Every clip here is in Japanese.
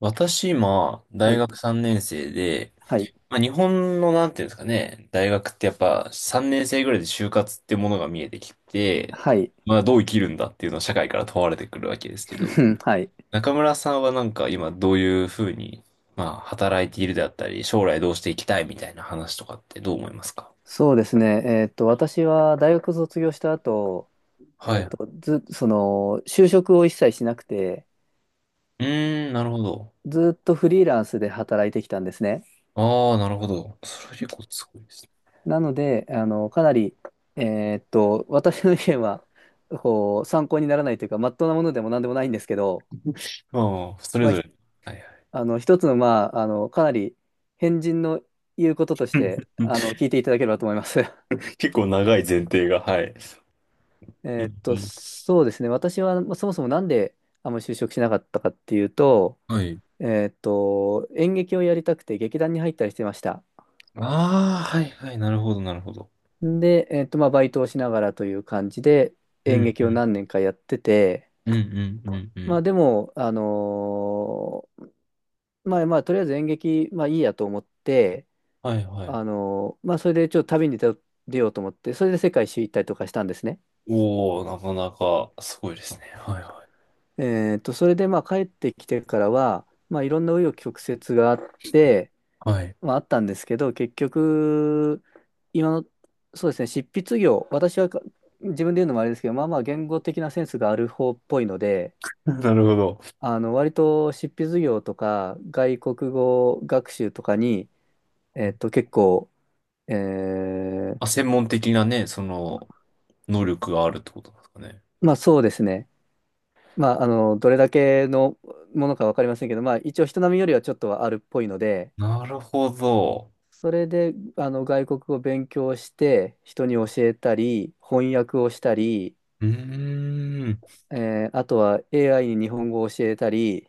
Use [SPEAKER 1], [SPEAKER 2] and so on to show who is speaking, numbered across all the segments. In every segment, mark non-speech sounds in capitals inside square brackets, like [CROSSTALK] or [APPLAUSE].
[SPEAKER 1] 私、今、
[SPEAKER 2] は
[SPEAKER 1] 大
[SPEAKER 2] い、
[SPEAKER 1] 学3年生で、
[SPEAKER 2] はい、
[SPEAKER 1] まあ、日本の、なんていうんですかね、大学ってやっぱ3年生ぐらいで就活ってものが見えてきて、
[SPEAKER 2] はい、
[SPEAKER 1] まあ、どう生きるんだっていうのを社会から問われてくるわけですけど、
[SPEAKER 2] [LAUGHS] はい。
[SPEAKER 1] 中村さんはなんか今どういうふうに、まあ、働いているであったり、将来どうしていきたいみたいな話とかってどう思いますか？
[SPEAKER 2] そうですね。私は大学卒業した後、
[SPEAKER 1] は
[SPEAKER 2] え
[SPEAKER 1] い。
[SPEAKER 2] っ
[SPEAKER 1] う
[SPEAKER 2] と、ず、その、就職を一切しなくて、
[SPEAKER 1] ーん、なるほど。
[SPEAKER 2] ずっとフリーランスで働いてきたんですね。
[SPEAKER 1] ああ、なるほど。それ結構すごいですね。
[SPEAKER 2] なので、かなり、私の意見は、こう、参考にならないというか、まっとうなものでも何でもないんですけど、
[SPEAKER 1] まあ、それ
[SPEAKER 2] まあ、
[SPEAKER 1] ぞ
[SPEAKER 2] ひ
[SPEAKER 1] れ。はいはい。
[SPEAKER 2] あの、一つの、かなり、変人の言うこととして、聞いていただければと思います。[LAUGHS]
[SPEAKER 1] [LAUGHS] 結構長い前提が、はい。うん、
[SPEAKER 2] そうですね。私はまあそもそもなんであんまり就職しなかったかっていうと、
[SPEAKER 1] はい。
[SPEAKER 2] 演劇をやりたくて劇団に入ったりしてました。
[SPEAKER 1] ああ、はいはい、なるほど、なるほど。
[SPEAKER 2] で、まあ、バイトをしながらという感じで
[SPEAKER 1] う
[SPEAKER 2] 演
[SPEAKER 1] ん、う
[SPEAKER 2] 劇を
[SPEAKER 1] ん、
[SPEAKER 2] 何年かやってて、
[SPEAKER 1] うん、うん、うんう
[SPEAKER 2] ま
[SPEAKER 1] ん。
[SPEAKER 2] あ、でも、まあ、とりあえず演劇、まあ、いいやと思って、
[SPEAKER 1] はいはい。
[SPEAKER 2] それでちょっと旅に出よ出ようと思って、それで世界一周行ったりとかしたんですね。
[SPEAKER 1] おお、なかなかすごいですね。はいは
[SPEAKER 2] それで、まあ、帰ってきてからは、まあ、いろんな紆余曲折があって、
[SPEAKER 1] い。はい。
[SPEAKER 2] はああったんですけど、結局、今の、そうですね、執筆業、私はか自分で言うのもあれですけど、まあまあ言語的なセンスがある方っぽいので、
[SPEAKER 1] [LAUGHS] なるほど。
[SPEAKER 2] あの割と執筆業とか外国語学習とかに、結構、えー
[SPEAKER 1] あ、専門的なね、その、能力があるってことなんですかね。
[SPEAKER 2] そうですね、まあ、あのどれだけのものか分かりませんけど、まあ、一応人並みよりはちょっとはあるっぽいので、
[SPEAKER 1] なるほど。
[SPEAKER 2] それであの外国語を勉強して人に教えたり翻訳をしたり
[SPEAKER 1] うーん。
[SPEAKER 2] あとは AI に日本語を教えたり、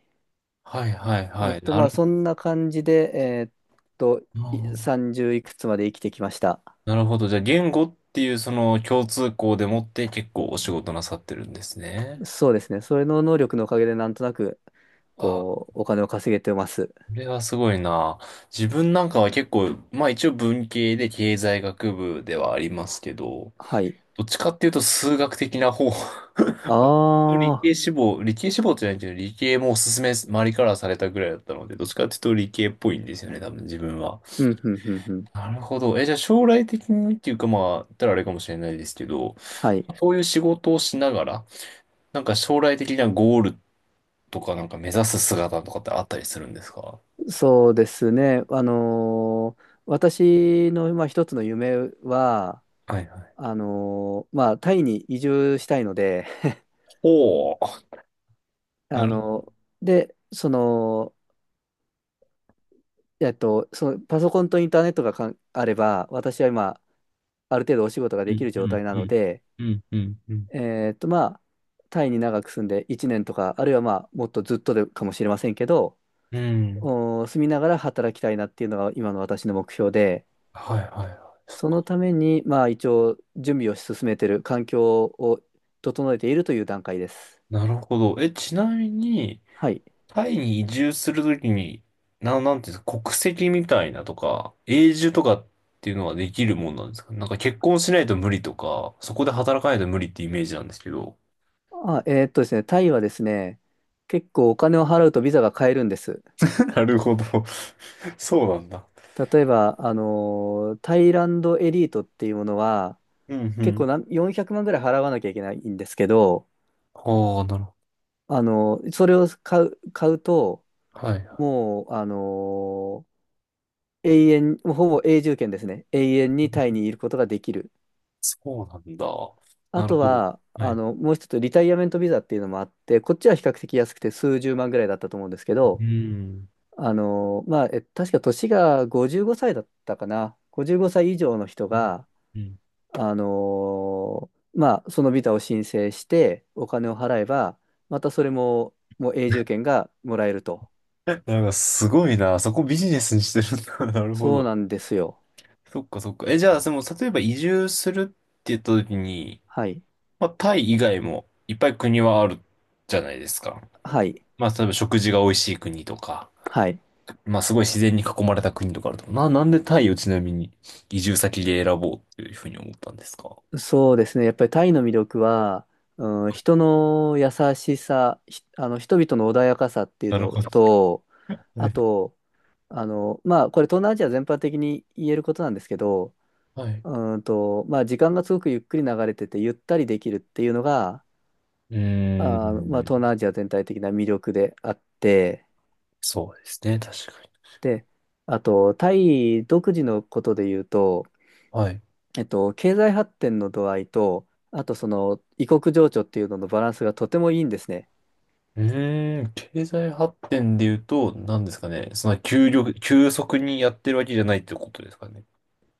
[SPEAKER 1] はいはいはい。な
[SPEAKER 2] ま
[SPEAKER 1] る
[SPEAKER 2] あ、
[SPEAKER 1] ほ
[SPEAKER 2] そんな感じで、と、
[SPEAKER 1] ど。
[SPEAKER 2] 30いくつまで生きてきました。
[SPEAKER 1] なるほど。じゃあ、言語っていうその共通項でもって結構お仕事なさってるんですね。
[SPEAKER 2] そうですね。それの能力のおかげで、なんとなく、
[SPEAKER 1] あ、
[SPEAKER 2] こう、お金を稼げてます。
[SPEAKER 1] これはすごいな。自分なんかは結構、まあ一応文系で経済学部ではありますけど、
[SPEAKER 2] はい。
[SPEAKER 1] どっちかっていうと数学的な方。[LAUGHS] 理
[SPEAKER 2] ああ、
[SPEAKER 1] 系志望、理系志望じゃないけど、理系もおすすめ、周りからされたぐらいだったので、どっちかっていうと理系っぽいんですよね、多分自分は。
[SPEAKER 2] うん、うん、うん、うん。
[SPEAKER 1] なるほど。え、じゃあ将来的にっていうかまあ、言ったらあれかもしれないですけど、
[SPEAKER 2] はい。
[SPEAKER 1] そういう仕事をしながら、なんか将来的なゴールとかなんか目指す姿とかってあったりするんですか？
[SPEAKER 2] そうですね。私の、まあ、一つの夢は、
[SPEAKER 1] はいはい。
[SPEAKER 2] タイに移住したいので、
[SPEAKER 1] おお。な
[SPEAKER 2] あ
[SPEAKER 1] る
[SPEAKER 2] のーで、その、そのパソコンとインターネットがかんあれば、私は今、ある程度お仕事が
[SPEAKER 1] う
[SPEAKER 2] でき
[SPEAKER 1] ん、
[SPEAKER 2] る
[SPEAKER 1] う
[SPEAKER 2] 状
[SPEAKER 1] ん、
[SPEAKER 2] 態な
[SPEAKER 1] う
[SPEAKER 2] の
[SPEAKER 1] ん、
[SPEAKER 2] で、
[SPEAKER 1] うん、うん、うん。
[SPEAKER 2] まあ、タイに長く住んで1年とか、あるいはまあ、もっとずっとでかもしれませんけど、
[SPEAKER 1] うん、
[SPEAKER 2] お住みながら働きたいなっていうのが今の私の目標で、
[SPEAKER 1] はい、はい、はい。そっ
[SPEAKER 2] その
[SPEAKER 1] か。
[SPEAKER 2] ために、まあ、一応、準備を進めている、環境を整えているという段階です。
[SPEAKER 1] なるほど。え、ちなみに、
[SPEAKER 2] はい。
[SPEAKER 1] タイに移住するときに、なんていうんですか、国籍みたいなとか、永住とかっていうのはできるもんなんですか？なんか結婚しないと無理とか、そこで働かないと無理ってイメージなんですけど。
[SPEAKER 2] あ、えっとですね、タイはですね、結構お金を払うとビザが買えるんです。
[SPEAKER 1] [LAUGHS] なるほど。そうなんだ。
[SPEAKER 2] 例えば、タイランドエリートっていうものは、
[SPEAKER 1] うん、う
[SPEAKER 2] 結構
[SPEAKER 1] ん。
[SPEAKER 2] なん400万ぐらい払わなきゃいけないんですけど、
[SPEAKER 1] ああ、なるほ
[SPEAKER 2] あのーそれを買うと、
[SPEAKER 1] ど。はい。
[SPEAKER 2] もう、永遠、ほぼ永住権ですね。永遠にタイにいることができる。
[SPEAKER 1] そうなんだ。
[SPEAKER 2] あ
[SPEAKER 1] なる
[SPEAKER 2] と
[SPEAKER 1] ほど。
[SPEAKER 2] は、
[SPEAKER 1] は
[SPEAKER 2] あ
[SPEAKER 1] い。
[SPEAKER 2] の、もう一つ、リタイアメントビザっていうのもあって、こっちは比較的安くて数十万ぐらいだったと思うんですけ
[SPEAKER 1] う
[SPEAKER 2] ど、
[SPEAKER 1] ん。
[SPEAKER 2] まあ、え確か年が55歳だったかな。55歳以上の人
[SPEAKER 1] うん。
[SPEAKER 2] が、
[SPEAKER 1] うん。
[SPEAKER 2] まあ、そのビザを申請して、お金を払えば、またそれも、もう永住権がもらえると。
[SPEAKER 1] [LAUGHS] なんかすごいな。そこビジネスにしてるんだ。[LAUGHS] なるほ
[SPEAKER 2] そう
[SPEAKER 1] ど。
[SPEAKER 2] なんですよ。
[SPEAKER 1] そっかそっか。え、じゃあ、その、例えば移住するって言った時に、
[SPEAKER 2] はい。
[SPEAKER 1] まあ、タイ以外もいっぱい国はあるじゃないですか。
[SPEAKER 2] はい。
[SPEAKER 1] まあ、例えば食事が美味しい国とか、
[SPEAKER 2] はい。
[SPEAKER 1] まあ、すごい自然に囲まれた国とかあると思う。なんでタイをちなみに移住先で選ぼうっていうふうに思ったんですか？
[SPEAKER 2] そうですね。やっぱりタイの魅力は、うん、人の優しさ、ひあの、人々の穏やかさっていう
[SPEAKER 1] なる
[SPEAKER 2] の
[SPEAKER 1] ほど。
[SPEAKER 2] と、
[SPEAKER 1] は
[SPEAKER 2] あ
[SPEAKER 1] い。
[SPEAKER 2] と、あの、まあ、これ東南アジア全般的に言えることなんですけど、
[SPEAKER 1] はい。
[SPEAKER 2] まあ、時間がすごくゆっくり流れてて、ゆったりできるっていうのが、
[SPEAKER 1] うー
[SPEAKER 2] あー、まあ、
[SPEAKER 1] ん。
[SPEAKER 2] 東南アジア全体的な魅力であって、
[SPEAKER 1] そうですね。確かに。
[SPEAKER 2] で、あと、タイ独自のことで言うと、
[SPEAKER 1] はい。
[SPEAKER 2] 経済発展の度合いと、あとその異国情緒っていうののバランスがとてもいいんですね。
[SPEAKER 1] うーん、経済発展で言うと、何ですかね。その急速にやってるわけじゃないってことですかね。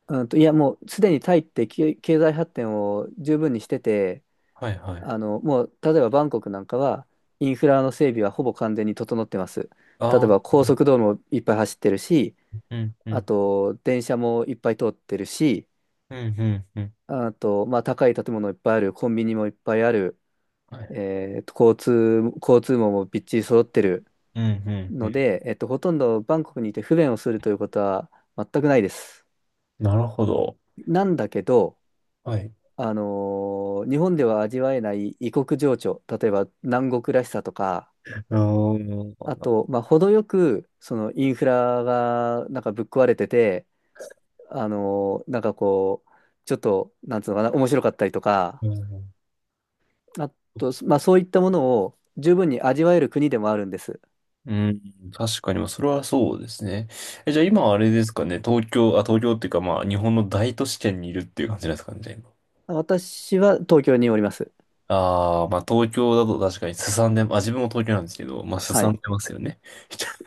[SPEAKER 2] いや、もうすでにタイって経済発展を十分にしてて、
[SPEAKER 1] はいはい。
[SPEAKER 2] あの、もう例えばバンコクなんかはインフラの整備はほぼ完全に整ってます。例え
[SPEAKER 1] あ
[SPEAKER 2] ば
[SPEAKER 1] あ、
[SPEAKER 2] 高速道路もいっぱい走ってるし、
[SPEAKER 1] うん、う
[SPEAKER 2] あ
[SPEAKER 1] ん、
[SPEAKER 2] と電車もいっぱい通ってるし、
[SPEAKER 1] うん、うん、うん。
[SPEAKER 2] あと、まあ、高い建物いっぱいある、コンビニもいっぱいある、
[SPEAKER 1] はい。
[SPEAKER 2] えーと、交通網もびっちり揃ってる
[SPEAKER 1] うん、うん、う
[SPEAKER 2] の
[SPEAKER 1] ん。
[SPEAKER 2] で、ほとんどバンコクにいて不便をするということは全くないです。
[SPEAKER 1] なるほど。
[SPEAKER 2] なんだけど、
[SPEAKER 1] はい。う
[SPEAKER 2] あの日本では味わえない異国情緒、例えば南国らしさとか、
[SPEAKER 1] ーん、
[SPEAKER 2] あと、まあ、程よくそのインフラがなんかぶっ壊れてて、こう、ちょっと、なんつうのかな、面白かったりとか、
[SPEAKER 1] うん、
[SPEAKER 2] あと、まあ、そういったものを十分に味わえる国でもあるんです。
[SPEAKER 1] うん、確かに、まあそれはそうですね。え、じゃあ今あれですかね、東京、あ、東京っていうか、まあ、日本の大都市圏にいるっていう感じなんですかね、じゃあ今。
[SPEAKER 2] 私は東京におります。
[SPEAKER 1] ああ、まあ東京だと確かにすさんで、あ、自分も東京なんですけど、まあす
[SPEAKER 2] は
[SPEAKER 1] さん
[SPEAKER 2] い。
[SPEAKER 1] でますよね。[LAUGHS]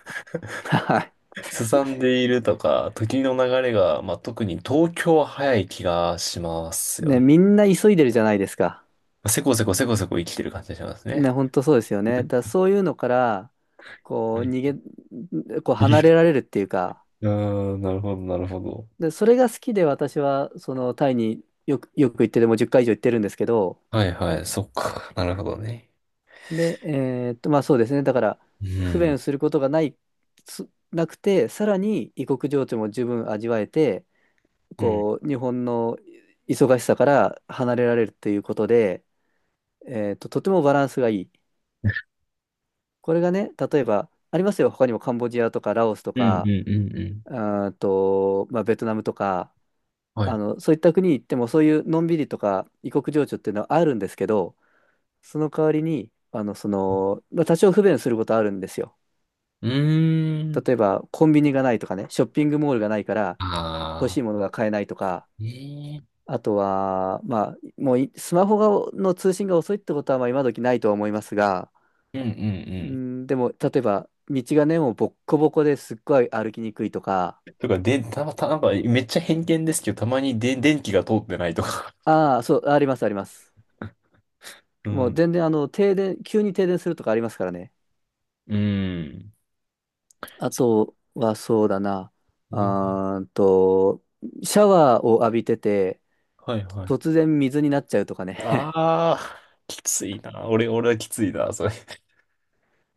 [SPEAKER 2] は
[SPEAKER 1] すさんでいるとか、時の流れが、まあ、特に東京は早い気がします
[SPEAKER 2] い。
[SPEAKER 1] よ
[SPEAKER 2] ね、
[SPEAKER 1] ね。
[SPEAKER 2] みんな急いでるじゃないですか。
[SPEAKER 1] せこせこせこせこ生きてる感じがしますね。
[SPEAKER 2] ね、本当そうですよね。だからそういうのから、こう、
[SPEAKER 1] あ。
[SPEAKER 2] こう、離れられるっていうか、
[SPEAKER 1] [LAUGHS] あー、なるほど、なるほど。
[SPEAKER 2] で、それが好きで私は、その、タイによく行ってて、もう10回以上行ってるんですけど、
[SPEAKER 1] はいはい、そっか、なるほどね。
[SPEAKER 2] で、まあそうですね。だから、
[SPEAKER 1] う
[SPEAKER 2] 不
[SPEAKER 1] ん。
[SPEAKER 2] 便することがない、すなくて、さらに異国情緒も十分味わえて、
[SPEAKER 1] うん。
[SPEAKER 2] こう、日本の忙しさから離れられるということで、とてもバランスがいい。これがね、例えば、ありますよ、他にもカンボジアとかラオスと
[SPEAKER 1] うん、う
[SPEAKER 2] か、
[SPEAKER 1] ん、うん、うん。
[SPEAKER 2] まあ、ベトナムとか、
[SPEAKER 1] は
[SPEAKER 2] あ
[SPEAKER 1] い。
[SPEAKER 2] の、そういった国に行っても、そういうのんびりとか異国情緒っていうのはあるんですけど、その代わりに、あの、その、まあ、多少不便することあるんですよ。
[SPEAKER 1] うーん。
[SPEAKER 2] 例えば、コンビニがないとかね、ショッピングモールがないから、欲し
[SPEAKER 1] ああ、
[SPEAKER 2] いものが買えないとか、
[SPEAKER 1] ね
[SPEAKER 2] あとは、まあ、もういスマホがの通信が遅いってことはまあ今時ないとは思いますが、
[SPEAKER 1] え。うん、う
[SPEAKER 2] う
[SPEAKER 1] ん、
[SPEAKER 2] ん、でも、例えば、道がね、もうボッコボコですっごい歩きにくいとか、
[SPEAKER 1] うん。とか、で、たまたま、なんか、めっちゃ偏見ですけど、たまにで、電気が通ってないとか。
[SPEAKER 2] ああ、そう、あります、あります。
[SPEAKER 1] う
[SPEAKER 2] も
[SPEAKER 1] ん。
[SPEAKER 2] う全然、急に停電するとかありますからね。
[SPEAKER 1] うん。
[SPEAKER 2] あ
[SPEAKER 1] そ
[SPEAKER 2] とは、そうだな、
[SPEAKER 1] うね。
[SPEAKER 2] あーんと、シャワーを浴びてて、
[SPEAKER 1] はいはい。
[SPEAKER 2] 突然水になっちゃうとかね。
[SPEAKER 1] ああ、きついな。俺はきついな、それ。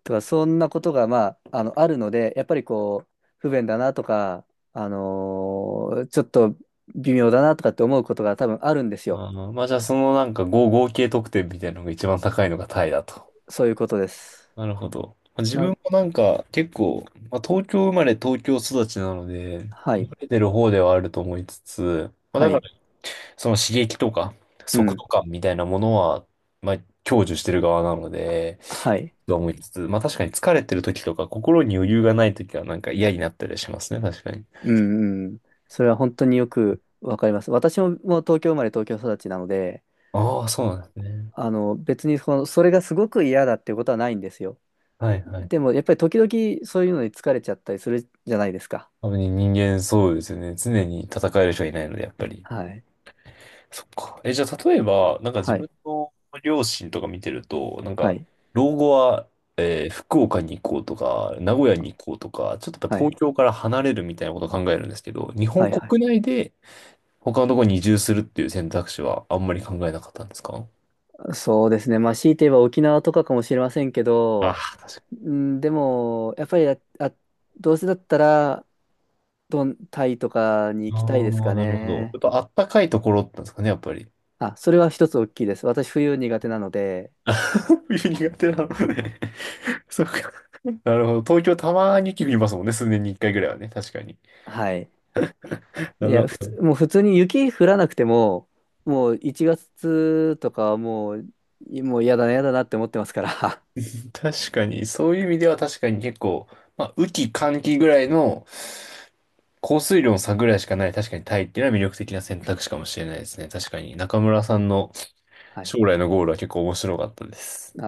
[SPEAKER 2] とか、そんなことが、まあ、あの、あるので、やっぱりこう、不便だなとか、ちょっと微妙だなとかって思うことが多分あるんですよ。
[SPEAKER 1] あー、まあじゃあそのなんか合計得点みたいなのが一番高いのがタイだと。
[SPEAKER 2] そういうことです。
[SPEAKER 1] なるほど。まあ自分
[SPEAKER 2] な、
[SPEAKER 1] もなんか結構、まあ、東京生まれ東京育ちなので、
[SPEAKER 2] は
[SPEAKER 1] 慣
[SPEAKER 2] い、
[SPEAKER 1] れてる方ではあると思いつつ、まあだ
[SPEAKER 2] は
[SPEAKER 1] か
[SPEAKER 2] い、
[SPEAKER 1] らその刺激とか
[SPEAKER 2] う
[SPEAKER 1] 速度
[SPEAKER 2] ん、
[SPEAKER 1] 感みたいなものは、まあ享受してる側なので、
[SPEAKER 2] はい、
[SPEAKER 1] と思いつつ、まあ確かに疲れてる時とか心に余裕がない時はなんか嫌になったりしますね、確かに。
[SPEAKER 2] うん、うん。それは本当によくわかります。私も、もう東京生まれ東京育ちなので、
[SPEAKER 1] ああ、そうなんですね。
[SPEAKER 2] あの、別にその、それがすごく嫌だっていうことはないんですよ。
[SPEAKER 1] はいはい。
[SPEAKER 2] でも、やっぱり時々そういうのに疲れちゃったりするじゃないですか。
[SPEAKER 1] 多分人間そうですよね。常に戦える人がいないので、やっぱり。
[SPEAKER 2] はい、
[SPEAKER 1] そっか。え、じゃあ例えば、なんか自
[SPEAKER 2] は
[SPEAKER 1] 分
[SPEAKER 2] い、
[SPEAKER 1] の両親とか見てると、なん
[SPEAKER 2] は
[SPEAKER 1] か、
[SPEAKER 2] い、
[SPEAKER 1] 老後は福岡に行こうとか、名古屋に行こうとか、ちょっとやっぱ
[SPEAKER 2] はい、
[SPEAKER 1] 東京から離れるみたいなことを考えるんですけど、日本
[SPEAKER 2] はい、は
[SPEAKER 1] 国
[SPEAKER 2] い。
[SPEAKER 1] 内で他のところに移住するっていう選択肢はあんまり考えなかったんですか？
[SPEAKER 2] そうですね。まあ、強いて言えば沖縄とかかもしれませんけ
[SPEAKER 1] ああ、
[SPEAKER 2] ど、
[SPEAKER 1] 確か
[SPEAKER 2] うん、でも、やっぱりどうせだったら、タイとかに
[SPEAKER 1] に。
[SPEAKER 2] 行きたいです
[SPEAKER 1] ああ、
[SPEAKER 2] か
[SPEAKER 1] なるほど。や
[SPEAKER 2] ね。
[SPEAKER 1] っぱあったかいところだったんですかね、やっぱり。
[SPEAKER 2] あ、それは一つ大きいです。私、冬苦手なので、
[SPEAKER 1] [LAUGHS] 冬苦手なので、そうか。[LAUGHS] なるほど。東京たまに雪降りますもんね。数年に一回ぐらいはね。確かに。
[SPEAKER 2] はい。い
[SPEAKER 1] なる
[SPEAKER 2] や、普
[SPEAKER 1] ほ
[SPEAKER 2] 通、
[SPEAKER 1] ど。
[SPEAKER 2] もう普通に雪降らなくても、もう1月とかはもう、嫌だなって思ってますから。[LAUGHS]
[SPEAKER 1] 確かに。そういう意味では確かに結構、まあ、雨季、乾季ぐらいの降水量の差ぐらいしかない。確かにタイっていうのは魅力的な選択肢かもしれないですね。確かに。中村さんの
[SPEAKER 2] はい。
[SPEAKER 1] 将来のゴールは結構面白かったです。
[SPEAKER 2] あ